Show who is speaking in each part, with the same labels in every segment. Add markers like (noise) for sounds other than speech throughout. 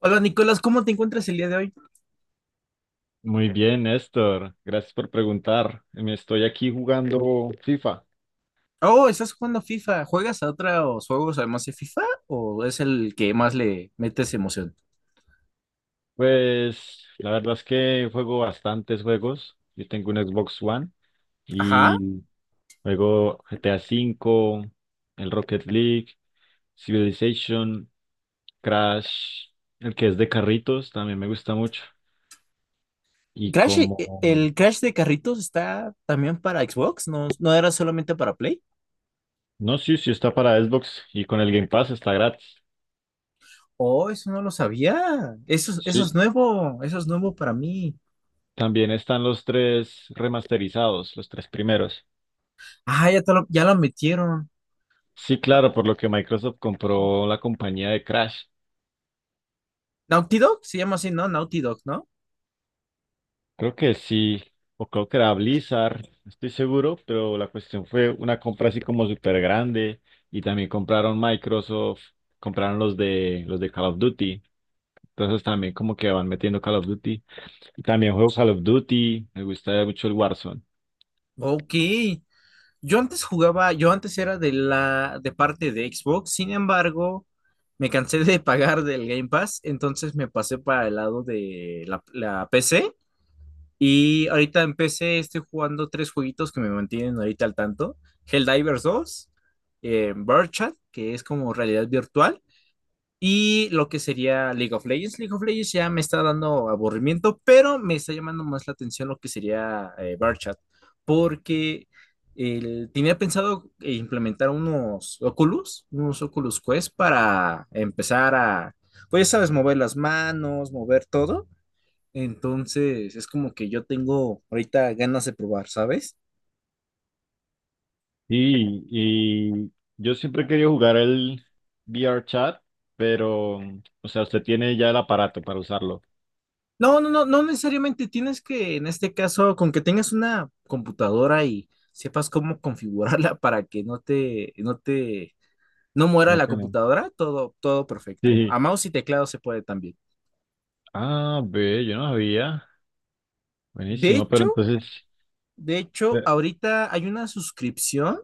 Speaker 1: Hola Nicolás, ¿cómo te encuentras el día de hoy?
Speaker 2: Muy bien, Néstor. Gracias por preguntar. Me estoy aquí jugando FIFA.
Speaker 1: Oh, estás jugando FIFA. ¿Juegas a otros juegos además de FIFA o es el que más le metes emoción?
Speaker 2: Pues la verdad es que juego bastantes juegos. Yo tengo un Xbox One
Speaker 1: Ajá.
Speaker 2: y juego GTA 5, el Rocket League, Civilization, Crash, el que es de carritos, también me gusta mucho. Y
Speaker 1: Crash,
Speaker 2: como...
Speaker 1: el Crash de carritos está también para Xbox, no, no era solamente para Play.
Speaker 2: No, sí, sí está para Xbox y con el Game Pass está gratis.
Speaker 1: Oh, eso no lo sabía. Eso,
Speaker 2: Sí.
Speaker 1: eso es nuevo para mí.
Speaker 2: También están los tres remasterizados, los tres primeros.
Speaker 1: Ah, ya, ya lo metieron.
Speaker 2: Sí, claro, por lo que Microsoft compró la compañía de Crash.
Speaker 1: Naughty Dog se llama así, ¿no? Naughty Dog, ¿no?
Speaker 2: Creo que sí, o creo que era Blizzard, no estoy seguro, pero la cuestión fue una compra así como súper grande y también compraron Microsoft, compraron los de Call of Duty. Entonces también como que van metiendo Call of Duty. Y también juego Call of Duty, me gusta mucho el Warzone.
Speaker 1: Ok. Yo antes era de la de parte de Xbox, sin embargo, me cansé de pagar del Game Pass, entonces me pasé para el lado de la PC y ahorita en PC estoy jugando tres jueguitos que me mantienen ahorita al tanto, Helldivers 2, eh, Chat, que es como realidad virtual, y lo que sería League of Legends. League of Legends ya me está dando aburrimiento, pero me está llamando más la atención lo que sería Barchat, porque tenía pensado implementar unos Oculus Quest para empezar a, pues sabes, mover las manos, mover todo. Entonces es como que yo tengo ahorita ganas de probar, ¿sabes?
Speaker 2: Sí, y yo siempre he querido jugar el VRChat, pero, o sea, usted tiene ya el aparato para usarlo.
Speaker 1: No, no, no, no necesariamente tienes que, en este caso, con que tengas una computadora y sepas cómo (laughs) configurarla para que no te, no muera
Speaker 2: ¿Cómo
Speaker 1: la
Speaker 2: que no?
Speaker 1: computadora, todo, todo perfecto.
Speaker 2: Sí.
Speaker 1: A mouse y teclado se puede también.
Speaker 2: Ah, ve, yo no sabía.
Speaker 1: De
Speaker 2: Buenísimo, pero
Speaker 1: hecho,
Speaker 2: entonces,
Speaker 1: de hecho,
Speaker 2: eh,
Speaker 1: ahorita hay una suscripción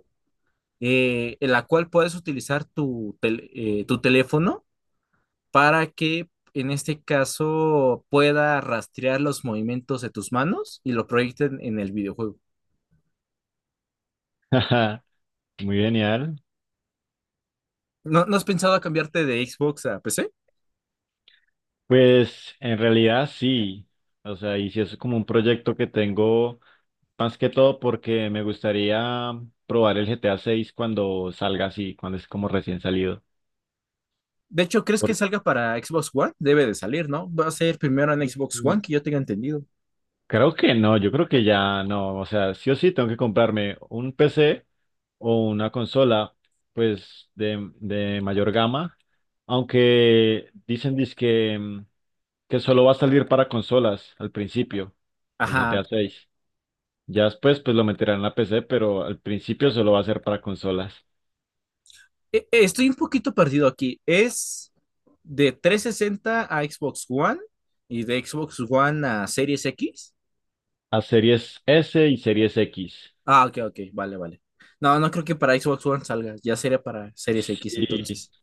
Speaker 1: en la cual puedes utilizar tu teléfono para que, en este caso, pueda rastrear los movimientos de tus manos y lo proyecten en el videojuego.
Speaker 2: (laughs) muy genial.
Speaker 1: ¿No has pensado a cambiarte de Xbox a PC?
Speaker 2: Pues en realidad sí. O sea, y si es como un proyecto que tengo más que todo porque me gustaría probar el GTA 6 cuando salga así, cuando es como recién salido.
Speaker 1: De hecho, ¿crees que
Speaker 2: Por-
Speaker 1: salga para Xbox One? Debe de salir, ¿no? Va a ser primero en Xbox
Speaker 2: mm,
Speaker 1: One, que yo tenga entendido.
Speaker 2: Creo que no, yo creo que ya no. O sea, sí o sí tengo que comprarme un PC o una consola, pues de mayor gama. Aunque dicen que solo va a salir para consolas al principio, el GTA
Speaker 1: Ajá.
Speaker 2: seis Ya después pues lo meterán en la PC, pero al principio solo va a ser para consolas.
Speaker 1: Estoy un poquito perdido aquí. ¿Es de 360 a Xbox One y de Xbox One a Series X?
Speaker 2: A Series S y Series X.
Speaker 1: Ah, ok, ok, vale, vale. No creo que para Xbox One salga? Ya sería para Series X
Speaker 2: Sí,
Speaker 1: entonces.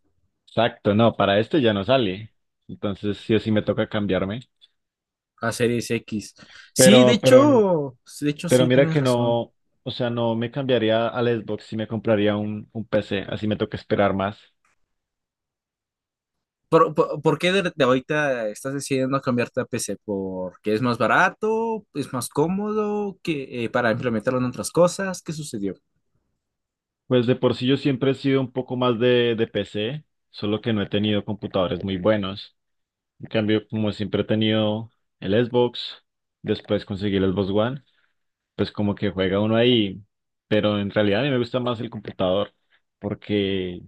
Speaker 2: exacto, no, para este ya no sale. Entonces sí o sí me toca cambiarme.
Speaker 1: A Series X. Sí, de
Speaker 2: Pero, pero,
Speaker 1: hecho, de hecho
Speaker 2: pero
Speaker 1: sí,
Speaker 2: mira
Speaker 1: tienes
Speaker 2: que
Speaker 1: razón.
Speaker 2: no, o sea, no me cambiaría al Xbox si me compraría un PC, así me toca esperar más.
Speaker 1: ¿Por qué de ahorita estás decidiendo cambiarte a PC? ¿Porque es más barato? ¿Es más cómodo? Que ¿para implementarlo en otras cosas? ¿Qué sucedió?
Speaker 2: Pues de por sí yo siempre he sido un poco más de PC, solo que no he tenido computadores muy buenos. En cambio, como siempre he tenido el Xbox, después conseguí el Xbox One, pues como que juega uno ahí, pero en realidad a mí me gusta más el computador, porque,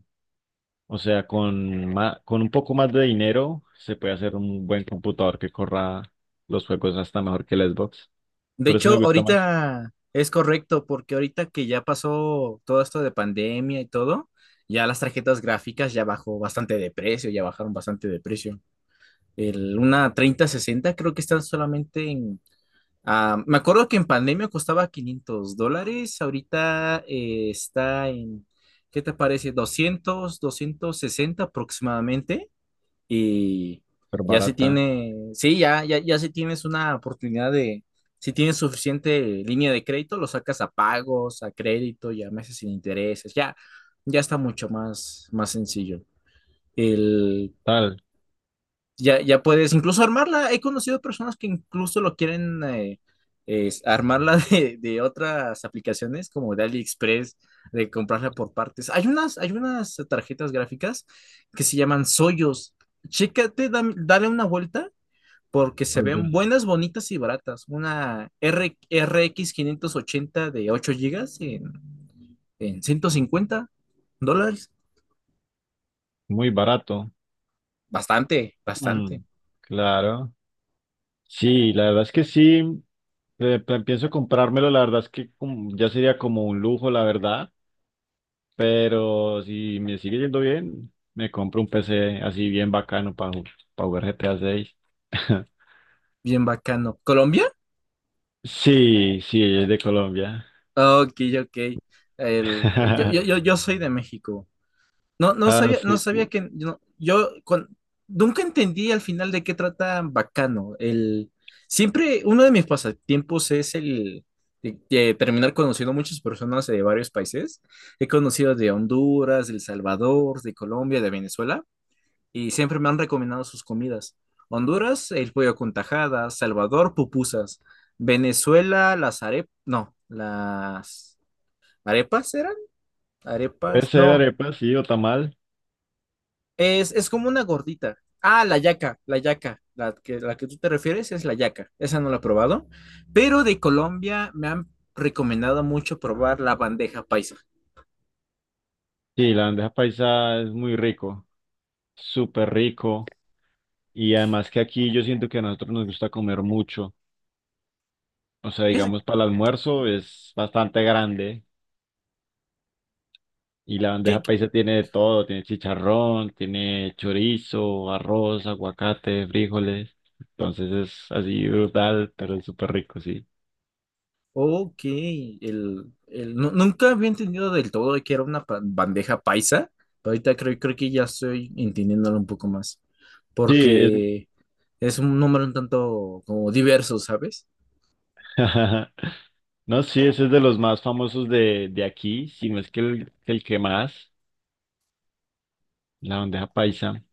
Speaker 2: o sea, con con un poco más de dinero se puede hacer un buen computador que corra los juegos hasta mejor que el Xbox.
Speaker 1: De
Speaker 2: Por eso me
Speaker 1: hecho,
Speaker 2: gusta más,
Speaker 1: ahorita es correcto, porque ahorita que ya pasó todo esto de pandemia y todo, ya las tarjetas gráficas ya bajó bastante de precio, ya bajaron bastante de precio. Una 3060 creo que están solamente en... Ah, me acuerdo que en pandemia costaba $500, ahorita está en, ¿qué te parece? 200 260 aproximadamente, y
Speaker 2: pero
Speaker 1: ya se
Speaker 2: barata,
Speaker 1: tiene, sí, ya, ya, ya si tienes una oportunidad de, si tienes suficiente línea de crédito, lo sacas a pagos, a crédito y a meses sin intereses, ya, ya está mucho más, más sencillo. El,
Speaker 2: tal,
Speaker 1: ya, ya puedes incluso armarla. He conocido personas que incluso lo quieren es armarla (laughs) de, otras aplicaciones como de AliExpress, de comprarla por partes. Hay unas tarjetas gráficas que se llaman Soyos. Chécate, dale una vuelta porque se
Speaker 2: oye,
Speaker 1: ven buenas, bonitas y baratas. Una RX 580 de 8 gigas en, $150.
Speaker 2: muy barato.
Speaker 1: Bastante, bastante.
Speaker 2: Mm, claro. Sí, la verdad es que sí. Pienso comprármelo, la verdad es que ya sería como un lujo, la verdad, pero si me sigue yendo bien, me compro un PC así bien bacano para jugar GTA 6. (laughs)
Speaker 1: Bien bacano. Colombia.
Speaker 2: Sí, sí, ella es de Colombia.
Speaker 1: Ok, ok. El, yo, yo,
Speaker 2: (laughs)
Speaker 1: yo, yo soy de México. No, no
Speaker 2: Ah,
Speaker 1: sabía, no
Speaker 2: sí.
Speaker 1: sabía que no- yo con- nunca entendí al final de qué trata Bacano. Siempre uno de mis pasatiempos es el de, terminar conociendo muchas personas de varios países. He conocido de Honduras, de El Salvador, de Colombia, de Venezuela, y siempre me han recomendado sus comidas. Honduras, el pollo con tajadas, Salvador, pupusas, Venezuela, las arepas, no, las ¿arepas eran?
Speaker 2: Puede
Speaker 1: ¿Arepas?
Speaker 2: ser
Speaker 1: No.
Speaker 2: arepa, sí, o tamal.
Speaker 1: Es como una gordita. Ah, la yaca, la yaca. La que tú te refieres es la yaca. Esa no la he probado. Pero de Colombia me han recomendado mucho probar la bandeja paisa.
Speaker 2: Sí, la bandeja paisa es muy rico, súper rico. Y además que aquí yo siento que a nosotros nos gusta comer mucho. O sea,
Speaker 1: Es,
Speaker 2: digamos, para el almuerzo es bastante grande. Y la
Speaker 1: que,
Speaker 2: bandeja
Speaker 1: que-
Speaker 2: paisa tiene de todo, tiene chicharrón, tiene chorizo, arroz, aguacate, frijoles. Entonces es así brutal, pero es súper rico, sí.
Speaker 1: ok, nunca había entendido del todo de que era una bandeja paisa. Pero ahorita creo que ya estoy entendiéndolo un poco más.
Speaker 2: Sí, es...
Speaker 1: Porque es un número un tanto como diverso, ¿sabes?
Speaker 2: (laughs) no, sí, ese es de los más famosos de, aquí, si no es que el que más, la bandeja paisa.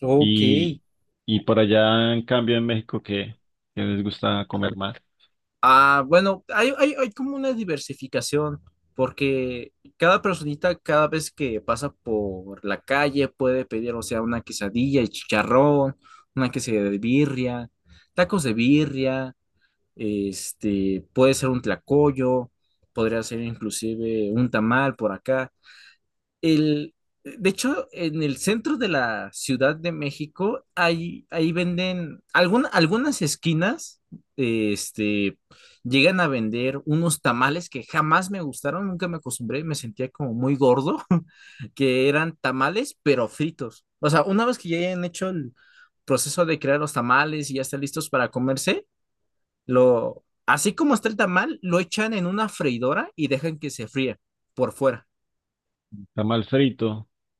Speaker 1: Ok.
Speaker 2: Y, y por allá, en cambio, en México, ¿qué? ¿Qué les gusta comer más?
Speaker 1: Ah, bueno, hay como una diversificación, porque cada personita, cada vez que pasa por la calle, puede pedir, o sea, una quesadilla y chicharrón, una quesadilla de birria, tacos de birria, este, puede ser un tlacoyo, podría ser inclusive un tamal por acá. El, de hecho, en el centro de la Ciudad de México, ahí venden, algunas esquinas, este, llegan a vender unos tamales que jamás me gustaron, nunca me acostumbré, me sentía como muy gordo, (laughs) que eran tamales, pero fritos. O sea, una vez que ya hayan hecho el proceso de crear los tamales y ya están listos para comerse, así como está el tamal, lo echan en una freidora y dejan que se fría por fuera.
Speaker 2: Tamal frito,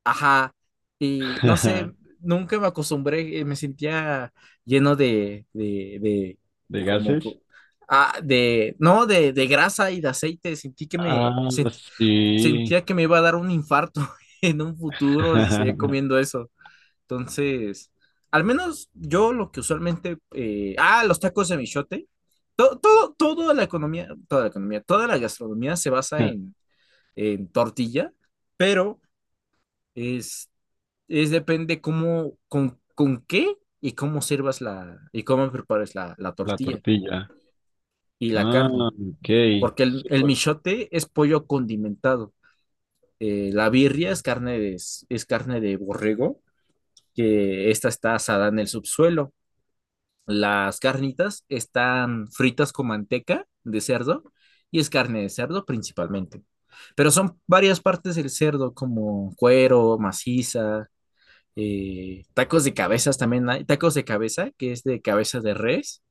Speaker 1: Ajá, y no sé,
Speaker 2: (laughs)
Speaker 1: nunca me acostumbré, me sentía lleno de
Speaker 2: de
Speaker 1: como,
Speaker 2: gases.
Speaker 1: de, no, de grasa y de aceite, sentí que
Speaker 2: Ah,
Speaker 1: me,
Speaker 2: sí.
Speaker 1: sentía que me iba a dar un infarto (laughs) en un futuro si seguía
Speaker 2: (laughs)
Speaker 1: comiendo eso. Entonces, al menos yo lo que usualmente, los tacos de michote, todo, toda la gastronomía se basa en, tortilla, pero... Este, es depende cómo, con qué y cómo sirvas y cómo prepares la
Speaker 2: La
Speaker 1: tortilla
Speaker 2: tortilla.
Speaker 1: y la
Speaker 2: Ah,
Speaker 1: carne.
Speaker 2: ok.
Speaker 1: Porque el
Speaker 2: Súper.
Speaker 1: michote es pollo condimentado. La birria es carne de borrego, que esta está asada en el subsuelo. Las carnitas están fritas con manteca de cerdo y es carne de cerdo principalmente. Pero son varias partes del cerdo, como cuero, maciza, tacos de cabezas también hay, tacos de cabeza, que es de cabeza de res,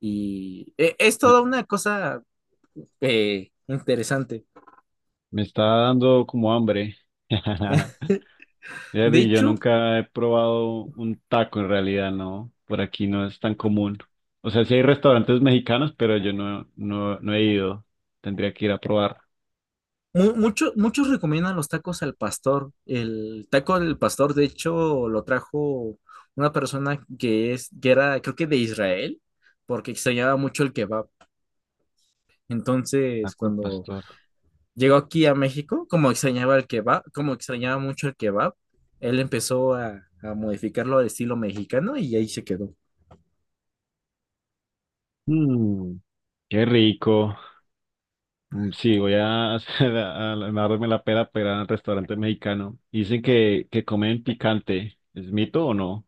Speaker 1: y es
Speaker 2: Me,
Speaker 1: toda una cosa interesante.
Speaker 2: me está dando como hambre. (laughs)
Speaker 1: De
Speaker 2: Fíjate, y yo
Speaker 1: hecho,
Speaker 2: nunca he probado un taco en realidad, ¿no? Por aquí no es tan común. O sea, sí hay restaurantes mexicanos, pero yo no, no, no he ido. Tendría que ir a probar.
Speaker 1: muchos recomiendan los tacos al pastor. El taco del pastor, de hecho, lo trajo una persona que es, que era, creo que de Israel, porque extrañaba mucho el kebab. Entonces,
Speaker 2: Taco al
Speaker 1: cuando
Speaker 2: pastor.
Speaker 1: llegó aquí a México, como extrañaba el kebab, como extrañaba mucho el kebab, él empezó a, modificarlo al estilo mexicano y ahí se quedó.
Speaker 2: Mm, qué rico. Mm, sí, voy a (laughs) hacer a darme la pera para ir al restaurante mexicano. Dicen que comen picante. ¿Es mito o no?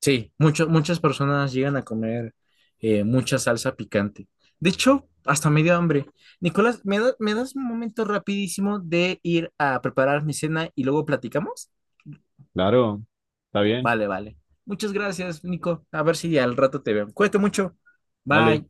Speaker 1: Sí, muchas personas llegan a comer mucha salsa picante. De hecho, hasta me dio hambre. Nicolás, me das un momento rapidísimo de ir a preparar mi cena y luego platicamos?
Speaker 2: Claro. Está bien.
Speaker 1: Vale, vale. Muchas gracias, Nico. A ver si al rato te veo. Cuídate mucho.
Speaker 2: Vale.
Speaker 1: Bye.